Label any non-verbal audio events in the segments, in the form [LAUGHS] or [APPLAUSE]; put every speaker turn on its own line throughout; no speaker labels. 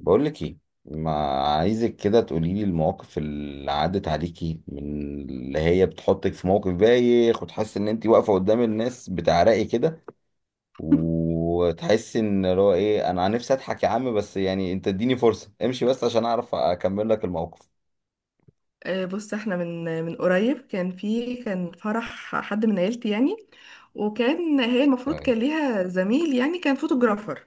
بقول لك ايه؟ ما عايزك كده تقولي لي المواقف اللي عدت عليكي من اللي هي بتحطك في موقف بايخ، وتحسي ان انت واقفه قدام الناس بتعرقي كده، وتحسي ان اللي هو ايه، انا نفسي اضحك يا عم، بس يعني انت اديني فرصه امشي بس عشان اعرف اكمل لك الموقف.
بص احنا من قريب كان فرح حد من عيلتي يعني. وكان هي المفروض
تمام.
كان ليها زميل يعني كان فوتوغرافر.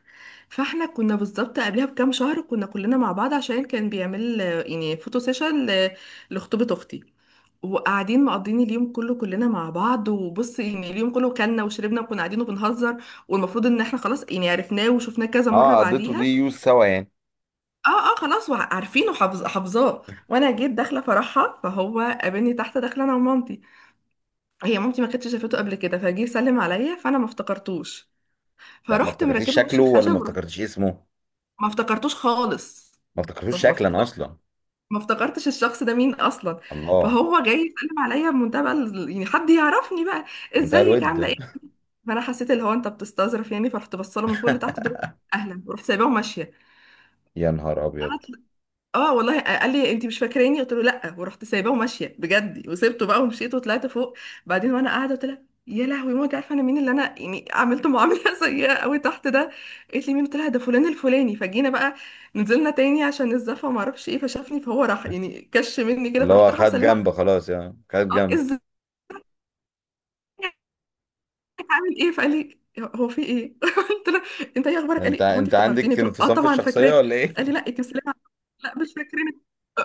فاحنا كنا بالظبط قبلها بكام شهر كنا كلنا مع بعض عشان كان بيعمل يعني فوتو سيشن لخطوبة اختي، وقاعدين مقضين اليوم كله كلنا مع بعض وبص يعني اليوم كله كلنا وشربنا وكنا قاعدين وبنهزر، والمفروض ان احنا خلاص يعني عرفناه وشفناه كذا مرة.
اه، قضيته دي
بعديها
يوز سوا يعني.
اه اه خلاص عارفينه حافظاه. وانا جيت داخله فرحها فهو قابلني تحت داخله انا ومامتي. هي مامتي ما كانتش شافته قبل كده فجه يسلم عليا فانا ما افتكرتوش،
لا، ما
فرحت
افتكرتيش
مركبه وش
شكله ولا ما
الخشب
افتكرتيش اسمه.
ما افتكرتوش خالص.
ما
ما
افتكرتوش
ما
شكلا
افتكر-
اصلا.
ما افتكرتش الشخص ده مين اصلا.
الله.
فهو جاي يسلم عليا بمنتهى بقى يعني حد يعرفني بقى،
منتهى
ازيك
الود.
عامله ايه.
[LAUGHS]
فانا حسيت اللي هو انت بتستظرف يعني، فرحت بصله من فوق لتحت دول اهلا ورحت سايباه وماشيه.
يا نهار ابيض.
اه والله، قال لي انت مش فاكراني، قلت له لا، ورحت سايباه وماشيه بجد وسبته بقى ومشيت وطلعت فوق. بعدين وانا قاعده قلت لها يا لهوي ما انت عارفه انا مين اللي انا يعني عملت معامله [LAUGHS] سيئه قوي تحت ده. قالت لي مين، قلت لها ده فلان الفلاني. فجينا بقى نزلنا تاني عشان الزفه وما اعرفش ايه، فشافني فهو راح يعني كش مني كده
اللي
فرحت
هو
رايحه
خد
مسلمه
جنب
عليه.
خلاص يعني، خد
اه
جنب.
ازاي هعمل ايه، فقال لي هو في ايه [LAUGHS] قلت له انت ايه اخبارك، قال
انت
لي هو انت
انت
افتكرتيني،
عندك
قلت له اه
انفصام في
طبعا
الشخصية
فاكراك.
ولا
قال لي
ايه؟
لا انت مسلمه لا مش فاكرينك.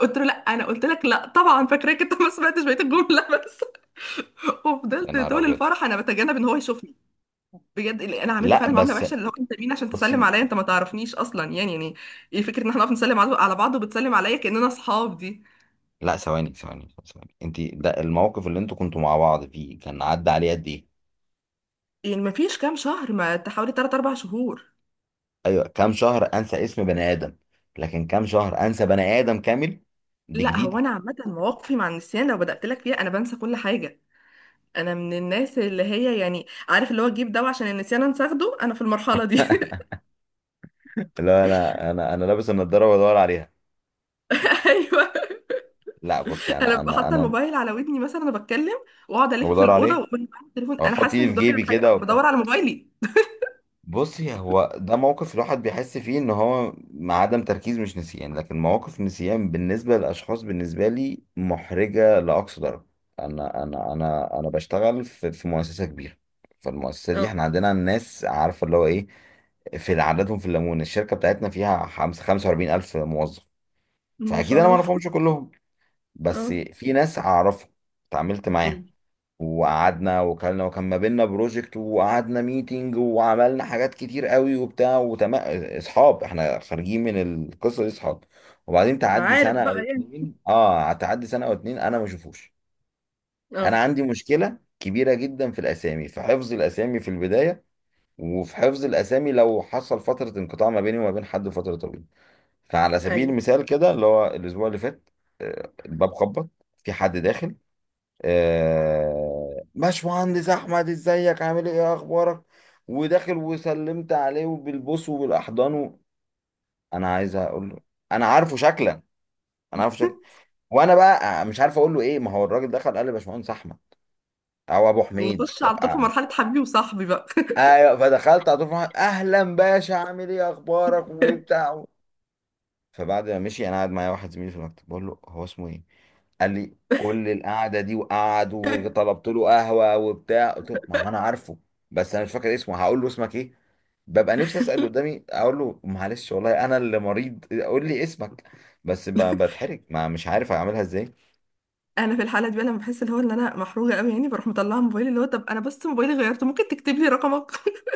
قلت له لا، انا قلت لك لا طبعا فاكراك، انت ما سمعتش بقيه الجمله بس. [LAUGHS]
[LAUGHS] يا
وفضلت
نهار
طول
ابيض.
الفرح انا بتجنب ان هو يشوفني بجد. اللي انا عملته
لا
فعلا معامله
بس.
وحشه، اللي هو انت مين عشان تسلم
بصي.
عليا، انت ما تعرفنيش اصلا، يعني ايه فكره ان احنا نقف نسلم على بعض وبتسلم عليا كاننا اصحاب دي؟
لا، ثواني ثواني ثواني، انت ده الموقف اللي انتوا كنتوا مع بعض فيه كان عدى عليه قد ايه؟
يعني ما فيش كام شهر، ما تحاولي 3 4 شهور.
ايوه، كام شهر انسى اسم بني ادم؟ لكن كام شهر انسى بني ادم كامل؟ دي
لا
جديده.
هو انا عامه مواقفي مع النسيان، لو بدات لك فيها انا بنسى كل حاجه. انا من الناس اللي هي يعني عارف اللي هو تجيب دواء عشان النسيان، أنا اخده انا في المرحله دي. [LAUGHS]
لا، انا لابس النضارة وبدور عليها.
ايوه،
لا بصي،
انا
انا
ببقى
انا
حاطه
انا
الموبايل على ودني مثلا انا بتكلم، واقعد الف في
بدور
الاوضه
عليه.
واقول معايا التليفون،
أو
انا
احط
حاسه انك
ايدي في
بتدوري
جيبي
على
كده
حاجه،
وبتاع.
بدور على موبايلي.
بصي، هو ده موقف الواحد بيحس فيه ان هو مع عدم تركيز مش نسيان، لكن مواقف النسيان بالنسبه للاشخاص بالنسبه لي محرجه لاقصى درجه. انا بشتغل في مؤسسه كبيره. فالمؤسسه دي
اه.
احنا عندنا الناس عارفه اللي هو ايه. في عددهم في الليمون، الشركه بتاعتنا فيها خمسة وأربعين ألف موظف.
ما
فأكيد
شاء
أنا ما
الله.
أعرفهمش
[LAUGHS]
كلهم، بس
اه.
في ناس أعرفهم اتعاملت معاهم.
أمم.
وقعدنا وكلنا وكان ما بيننا بروجكت وقعدنا ميتنج وعملنا حاجات كتير قوي وبتاع وتمام. اصحاب، احنا خارجين من القصه دي اصحاب. وبعدين
ما
تعدي
عارف
سنه او
بقى يعني.
اتنين، تعدي سنه او اتنين انا ما اشوفوش. انا
اه.
عندي مشكله كبيره جدا في الاسامي، في حفظ الاسامي في البدايه، وفي حفظ الاسامي لو حصل فتره انقطاع ما بيني وما بين حد فتره طويله. فعلى سبيل
ايوه.
المثال كده، اللي هو الاسبوع اللي فات الباب خبط، في حد داخل. باشمهندس احمد، ازيك عامل ايه، إيه اخبارك. وداخل وسلمت عليه وبالبوس وبالاحضان انا عايز اقول له انا عارفه شكلا، انا عارفه شكلا. وانا بقى مش عارف اقول له ايه، ما هو الراجل دخل قال لي باشمهندس احمد او ابو حميد،
نخش
طب
على طول في مرحله حبيبي وصاحبي بقى.
ايوه، فدخلت على طول فرحان، اهلا باشا عامل ايه اخبارك وبتاع. فبعد ما مشي انا قاعد معايا واحد زميلي في المكتب بقول له هو اسمه ايه؟ قال لي كل القعده دي وقعد
[LAUGHS]
وطلبت له قهوه وبتاع، قلت له ما هو انا عارفه، بس انا مش فاكر اسمه. هقول له اسمك ايه؟ ببقى نفسي اسال قدامي اقول له معلش والله انا اللي مريض قول لي اسمك. بس بتحرج، ما مش عارف اعملها ازاي.
انا في الحاله دي بقى لما بحس اللي هو ان انا محروجه قوي يعني، بروح مطلعه موبايلي اللي هو طب انا بس موبايلي غيرته، ممكن تكتب لي رقمك [LAUGHS]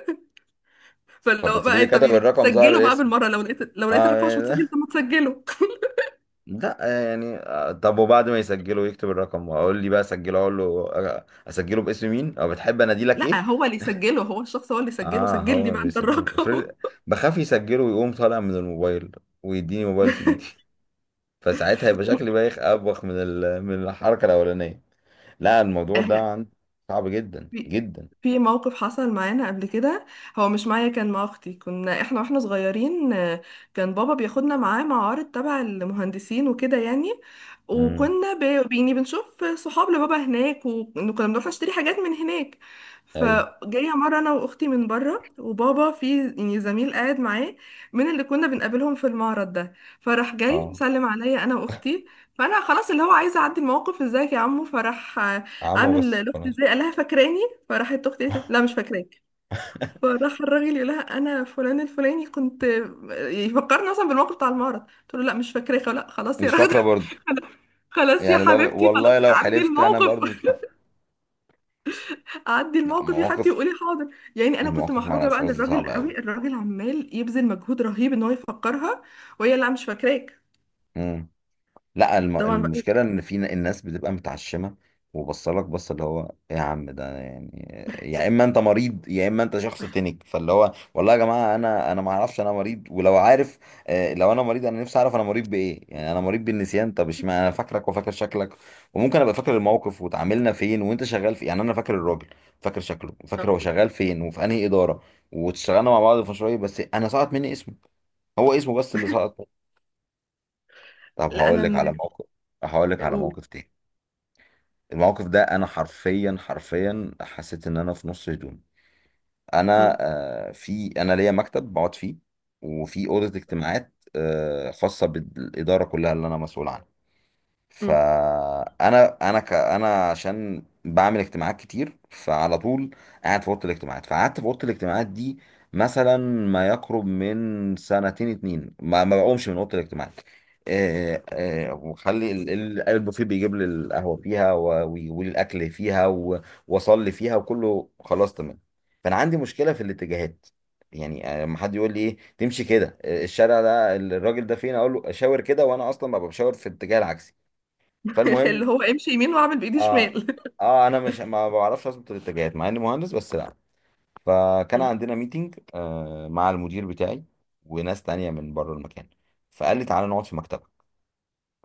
فاللي
طب
هو بقى إيه،
افرضي
طب
كتب
يعني
الرقم ظهر
سجله بقى
الاسم؟
بالمره. لو لقيت
اه
الرقم مش متسجل
يعني-
طب ما
[LAUGHS]
تسجله.
لا. يعني طب وبعد ما يسجله يكتب الرقم واقول لي بقى اسجله، اقول له اسجله باسم مين او بتحب اناديلك
لا
ايه؟
هو اللي يسجله هو الشخص، هو اللي يسجله،
اه،
سجل
هو
لي
اللي
بقى انت
بيسجل افرض.
الرقم.
بخاف يسجله ويقوم طالع من الموبايل ويديني موبايل في ايدي.
[LAUGHS]
[LAUGHS] فساعتها هيبقى شكلي بايخ ابوخ من الحركه الاولانيه. لا، الموضوع ده صعب جدا
في
جدا.
في موقف حصل معانا قبل كده. هو مش معايا، كان مع اختي، كنا احنا واحنا صغيرين. كان بابا بياخدنا معاه معارض تبع المهندسين وكده يعني،
امم.
وكنا ب- يعني بنشوف صحاب لبابا هناك، وكنا بنروح نشتري حاجات من هناك.
ايوه.
فجايه مره انا واختي من بره، وبابا في يعني زميل قاعد معاه من اللي كنا بنقابلهم في المعرض ده. فراح جاي
اه.
مسلم عليا انا واختي، فانا خلاص اللي هو عايزه اعدي الموقف، ازيك يا عمو. فراح
عمو
عامل
بس
لاختي
خلاص.
ازاي، قال لها فاكراني، فراحت اختي قالت له لا مش فاكراك.
[LAUGHS]
فراح الراجل يقول لها انا فلان الفلاني، كنت يفكرني اصلا بالموقف بتاع المعرض، قلت له لا مش فاكراك لا خلاص يا
مش
راغده.
فاكره برضه.
[LAUGHS] خلاص يا
يعني لو
حبيبتي
والله
خلاص
لو
عدي
حلفت انا
الموقف.
برضه مش فاكره.
[LAUGHS] عدي
لا،
الموقف يا حبيبتي
مواقف.
وقولي حاضر يعني. انا كنت
المواقف مع
محروجه بقى
الاشخاص دي
للراجل
صعبه
قوي، الراجل عمال يبذل مجهود رهيب ان هو يفكرها وهي لا مش فاكراك.
قوي. لا،
طبعا بقى.
المشكله ان في الناس بتبقى متعشمه. وبصلك بص اللي هو إيه يا عم ده يعني. يا اما انت مريض يا اما انت شخص تنك، فاللي هو والله يا جماعه انا ما اعرفش انا مريض، ولو عارف لو انا مريض انا نفسي اعرف انا مريض بايه. يعني انا مريض بالنسيان، طب اشمعنى انا فاكرك وفاكر شكلك وممكن ابقى فاكر الموقف وتعاملنا فين وانت شغال في، يعني انا فاكر الراجل، فاكر شكله وفاكر هو شغال فين وفي انهي اداره، واشتغلنا مع بعض في مشروع بس انا سقط مني اسمه، هو اسمه بس اللي سقط. طب
لا
هقول
انا
لك على
من
موقف. هقول لك على
قول. [LAUGHS]
موقف تاني. الموقف ده انا حرفيا حرفيا حسيت ان انا في نص هدوم. انا
مم.
في، انا ليا مكتب بقعد فيه، وفي اوضه اجتماعات خاصه بالاداره كلها اللي انا مسؤول عنها.
مم.
فانا انا ك... انا عشان بعمل اجتماعات كتير فعلى طول قاعد في اوضه الاجتماعات. فقعدت في اوضه الاجتماعات دي مثلا ما يقرب من سنتين اتنين، ما بقومش من اوضه الاجتماعات. وخلي البوفيه بيجيب لي القهوه فيها ويقول لي الاكل فيها واصلي فيها وكله خلاص تمام. فانا عندي مشكله في الاتجاهات. يعني لما حد يقول لي ايه تمشي كده، الشارع ده الراجل ده فين، اقول له اشاور كده وانا اصلا ببقى بشاور في الاتجاه العكسي. فالمهم.
اللي هو امشي يمين واعمل بايدي
اه
شمال.
اه انا مش ما بعرفش اظبط الاتجاهات مع اني مهندس، بس لا. فكان عندنا
[LAUGHS]
ميتنج مع المدير بتاعي وناس تانية من بره المكان. فقال لي تعالى نقعد في مكتبك،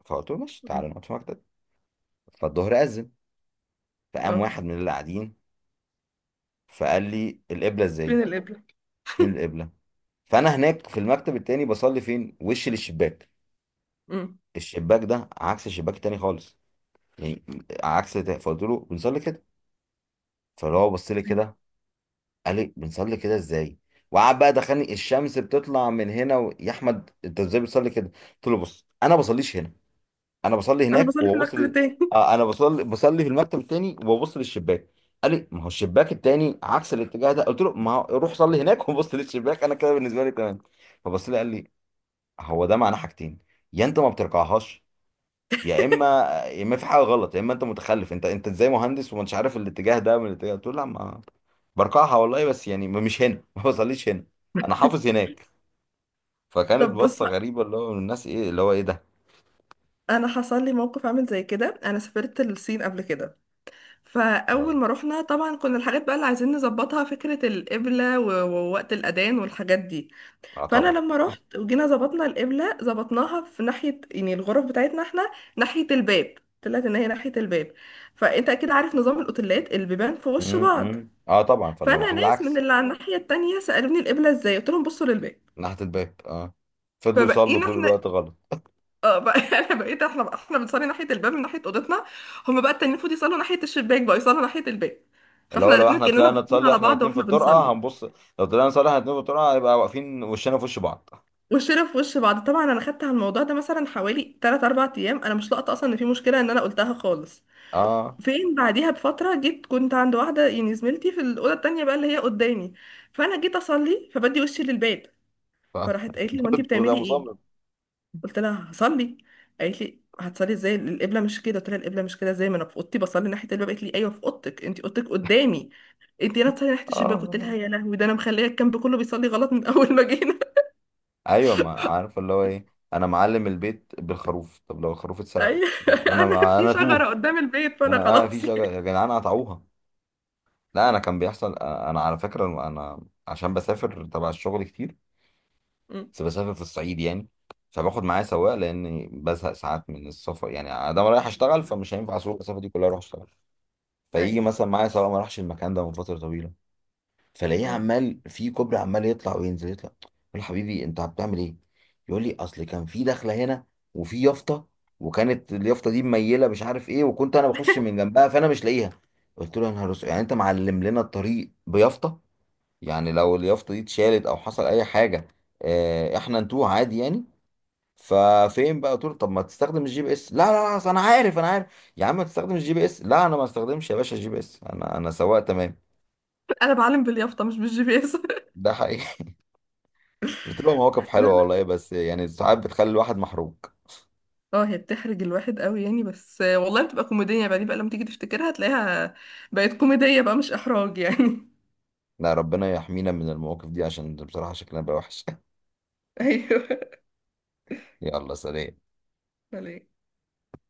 فقلت له ماشي
مم.
تعالى نقعد في مكتب. فالظهر أذن. فقام
اه.
واحد من اللي قاعدين فقال لي القبلة ازاي؟
بين الإبرة.
فين القبلة؟ فانا هناك في المكتب التاني بصلي فين، وش للشباك.
امم.
الشباك ده عكس الشباك التاني خالص يعني، عكس ده، فقلت له بنصلي كده. فاللي هو بص لي كده قال لي بنصلي كده ازاي؟ وقعد بقى دخلني الشمس بتطلع من هنا يا احمد انت ازاي بتصلي كده؟ قلت له بص انا بصليش هنا، انا بصلي
أنا
هناك
بصلي في
وببص
المكتب التاني.
انا بصلي في المكتب التاني وببص للشباك. قال لي ما هو الشباك التاني عكس الاتجاه ده، قلت له ما هو روح صلي هناك [LAUGHS] وبص للشباك، انا كده بالنسبه لي تمام. فبص لي قال لي هو ده معناه حاجتين، يا انت ما بترجعهاش يا اما يا اما في حاجه غلط يا اما انت متخلف، انت ازاي مهندس ومش عارف الاتجاه ده من الاتجاه ده؟ قلت له لا، ما برقعها والله، بس يعني مش هنا [LAUGHS] ما بصليش هنا انا
[LAUGHS]
حافظ هناك. فكانت
طب بص،
بصه غريبه اللي هو من الناس ايه اللي هو ايه ده.
انا حصل لي موقف عامل زي كده. انا سافرت الصين قبل كده، فاول
طيب.
ما رحنا طبعا كنا الحاجات بقى اللي عايزين نظبطها فكره القبله ووقت الاذان والحاجات دي.
اه
فانا
طبعا.
لما رحت وجينا ظبطنا القبله، ظبطناها في ناحيه يعني الغرف بتاعتنا احنا ناحيه الباب، طلعت ان هي ناحيه الباب. فانت اكيد عارف نظام الاوتيلات البيبان في وش بعض.
امم. اه طبعا، فلو
فانا
المفروض
ناس من
العكس.
اللي على الناحيه التانيه سالوني القبله ازاي، قلت لهم بصوا للباب.
ناحيه الباب اه. فضلوا يصلوا
فبقينا
طول
احنا
الوقت غلط.
اه بقى [LAUGHS] انا بقيت احنا بنصلي ناحيه الباب من ناحيه اوضتنا، هم بقى التانيين المفروض يصلوا ناحيه الشباك بقى يصلوا ناحيه الباب،
اللي هو
فاحنا
لو
الاتنين
احنا
كاننا
طلعنا
باصين
نصلي
على
احنا
بعض
الاتنين في
واحنا
الطرقه
بنصلي
هنبص، لو طلعنا نصلي احنا الاتنين في الطرقه هيبقى واقفين وشنا في وش بعض.
وشنا في وش بعض. طبعا انا خدت على الموضوع ده مثلا حوالي 3 4 ايام انا مش لاقطه اصلا ان في مشكله، ان انا قلتها خالص.
اه.
فين بعديها بفتره، جيت كنت عند واحده يعني زميلتي في الاوضه التانيه بقى اللي هي قدامي، فانا جيت اصلي فبدي وشي للباب.
ف-
فراحت قالت لي هو انت
[LAUGHS] وده
بتعملي ايه،
مصمم.
قلت لها هصلي، قالت لي هتصلي ازاي القبله مش كده، قلت لها القبله مش كده ازاي ما انا في اوضتي بصلي ناحيه الباب، قالت لي ايوه في اوضتك، انت اوضتك قدامي انت، هنا تصلي ناحيه الشباك. قلت
اه،
لها يا لهوي، ده انا مخليه الكامب كله بيصلي غلط من [LAUGHS] اول ما جينا.
ايوه، ما عارف اللي هو ايه. انا معلم البيت بالخروف، طب لو الخروف
[LAUGHS]
اتسرق
ايوه
انا
انا
ما
في
انا
شجره
توه.
قدام البيت فانا
انا في
خلاص
شجر يا
يعني.
جدعان قطعوها. لا انا كان بيحصل، انا على فكره انا عشان بسافر تبع الشغل كتير،
أمم،
بس بسافر في الصعيد يعني. فباخد معايا سواق لاني بزهق ساعات من السفر، يعني انا رايح اشتغل فمش هينفع اسوق المسافه دي كلها اروح اشتغل. فيجي
ايوه.
مثلا معايا سواق ما راحش المكان ده من فتره طويله، فلاقيه
أمم.
عمال في كوبري عمال يطلع وينزل يطلع، اقول له حبيبي انت بتعمل ايه؟ يقول لي اصل كان في دخله هنا وفي يافطه، وكانت اليافطه دي مميله مش عارف ايه وكنت انا بخش
[LAUGHS]
من جنبها فانا مش لاقيها. قلت له يا نهار اسود، يعني انت معلم لنا الطريق بيافطه؟ يعني لو اليافطه دي اتشالت او حصل اي حاجه اه احنا نتوه عادي يعني. ففين بقى قلت له طب ما تستخدم الـGPS؟ لا لا لا، انا عارف انا عارف يا عم، ما تستخدمش الـGPS، لا انا ما استخدمش يا باشا الـGPS، انا سواق تمام.
انا بعلم باليافطه مش بالجي بي اس. [LAUGHS]
ده حقيقي. بتبقى مواقف
لا،
حلوة والله، بس يعني ساعات بتخلي الواحد محروق.
اه هي بتحرج الواحد قوي يعني، بس والله بتبقى كوميديه يعني. بقى دي بقى لما تيجي تفتكرها هتلاقيها بقت كوميديه بقى مش احراج يعني.
لا، ربنا يحمينا من المواقف دي عشان بصراحة شكلنا بقى وحش. [LAUGHS]
[LAUGHS] ايوه.
يلا سلام.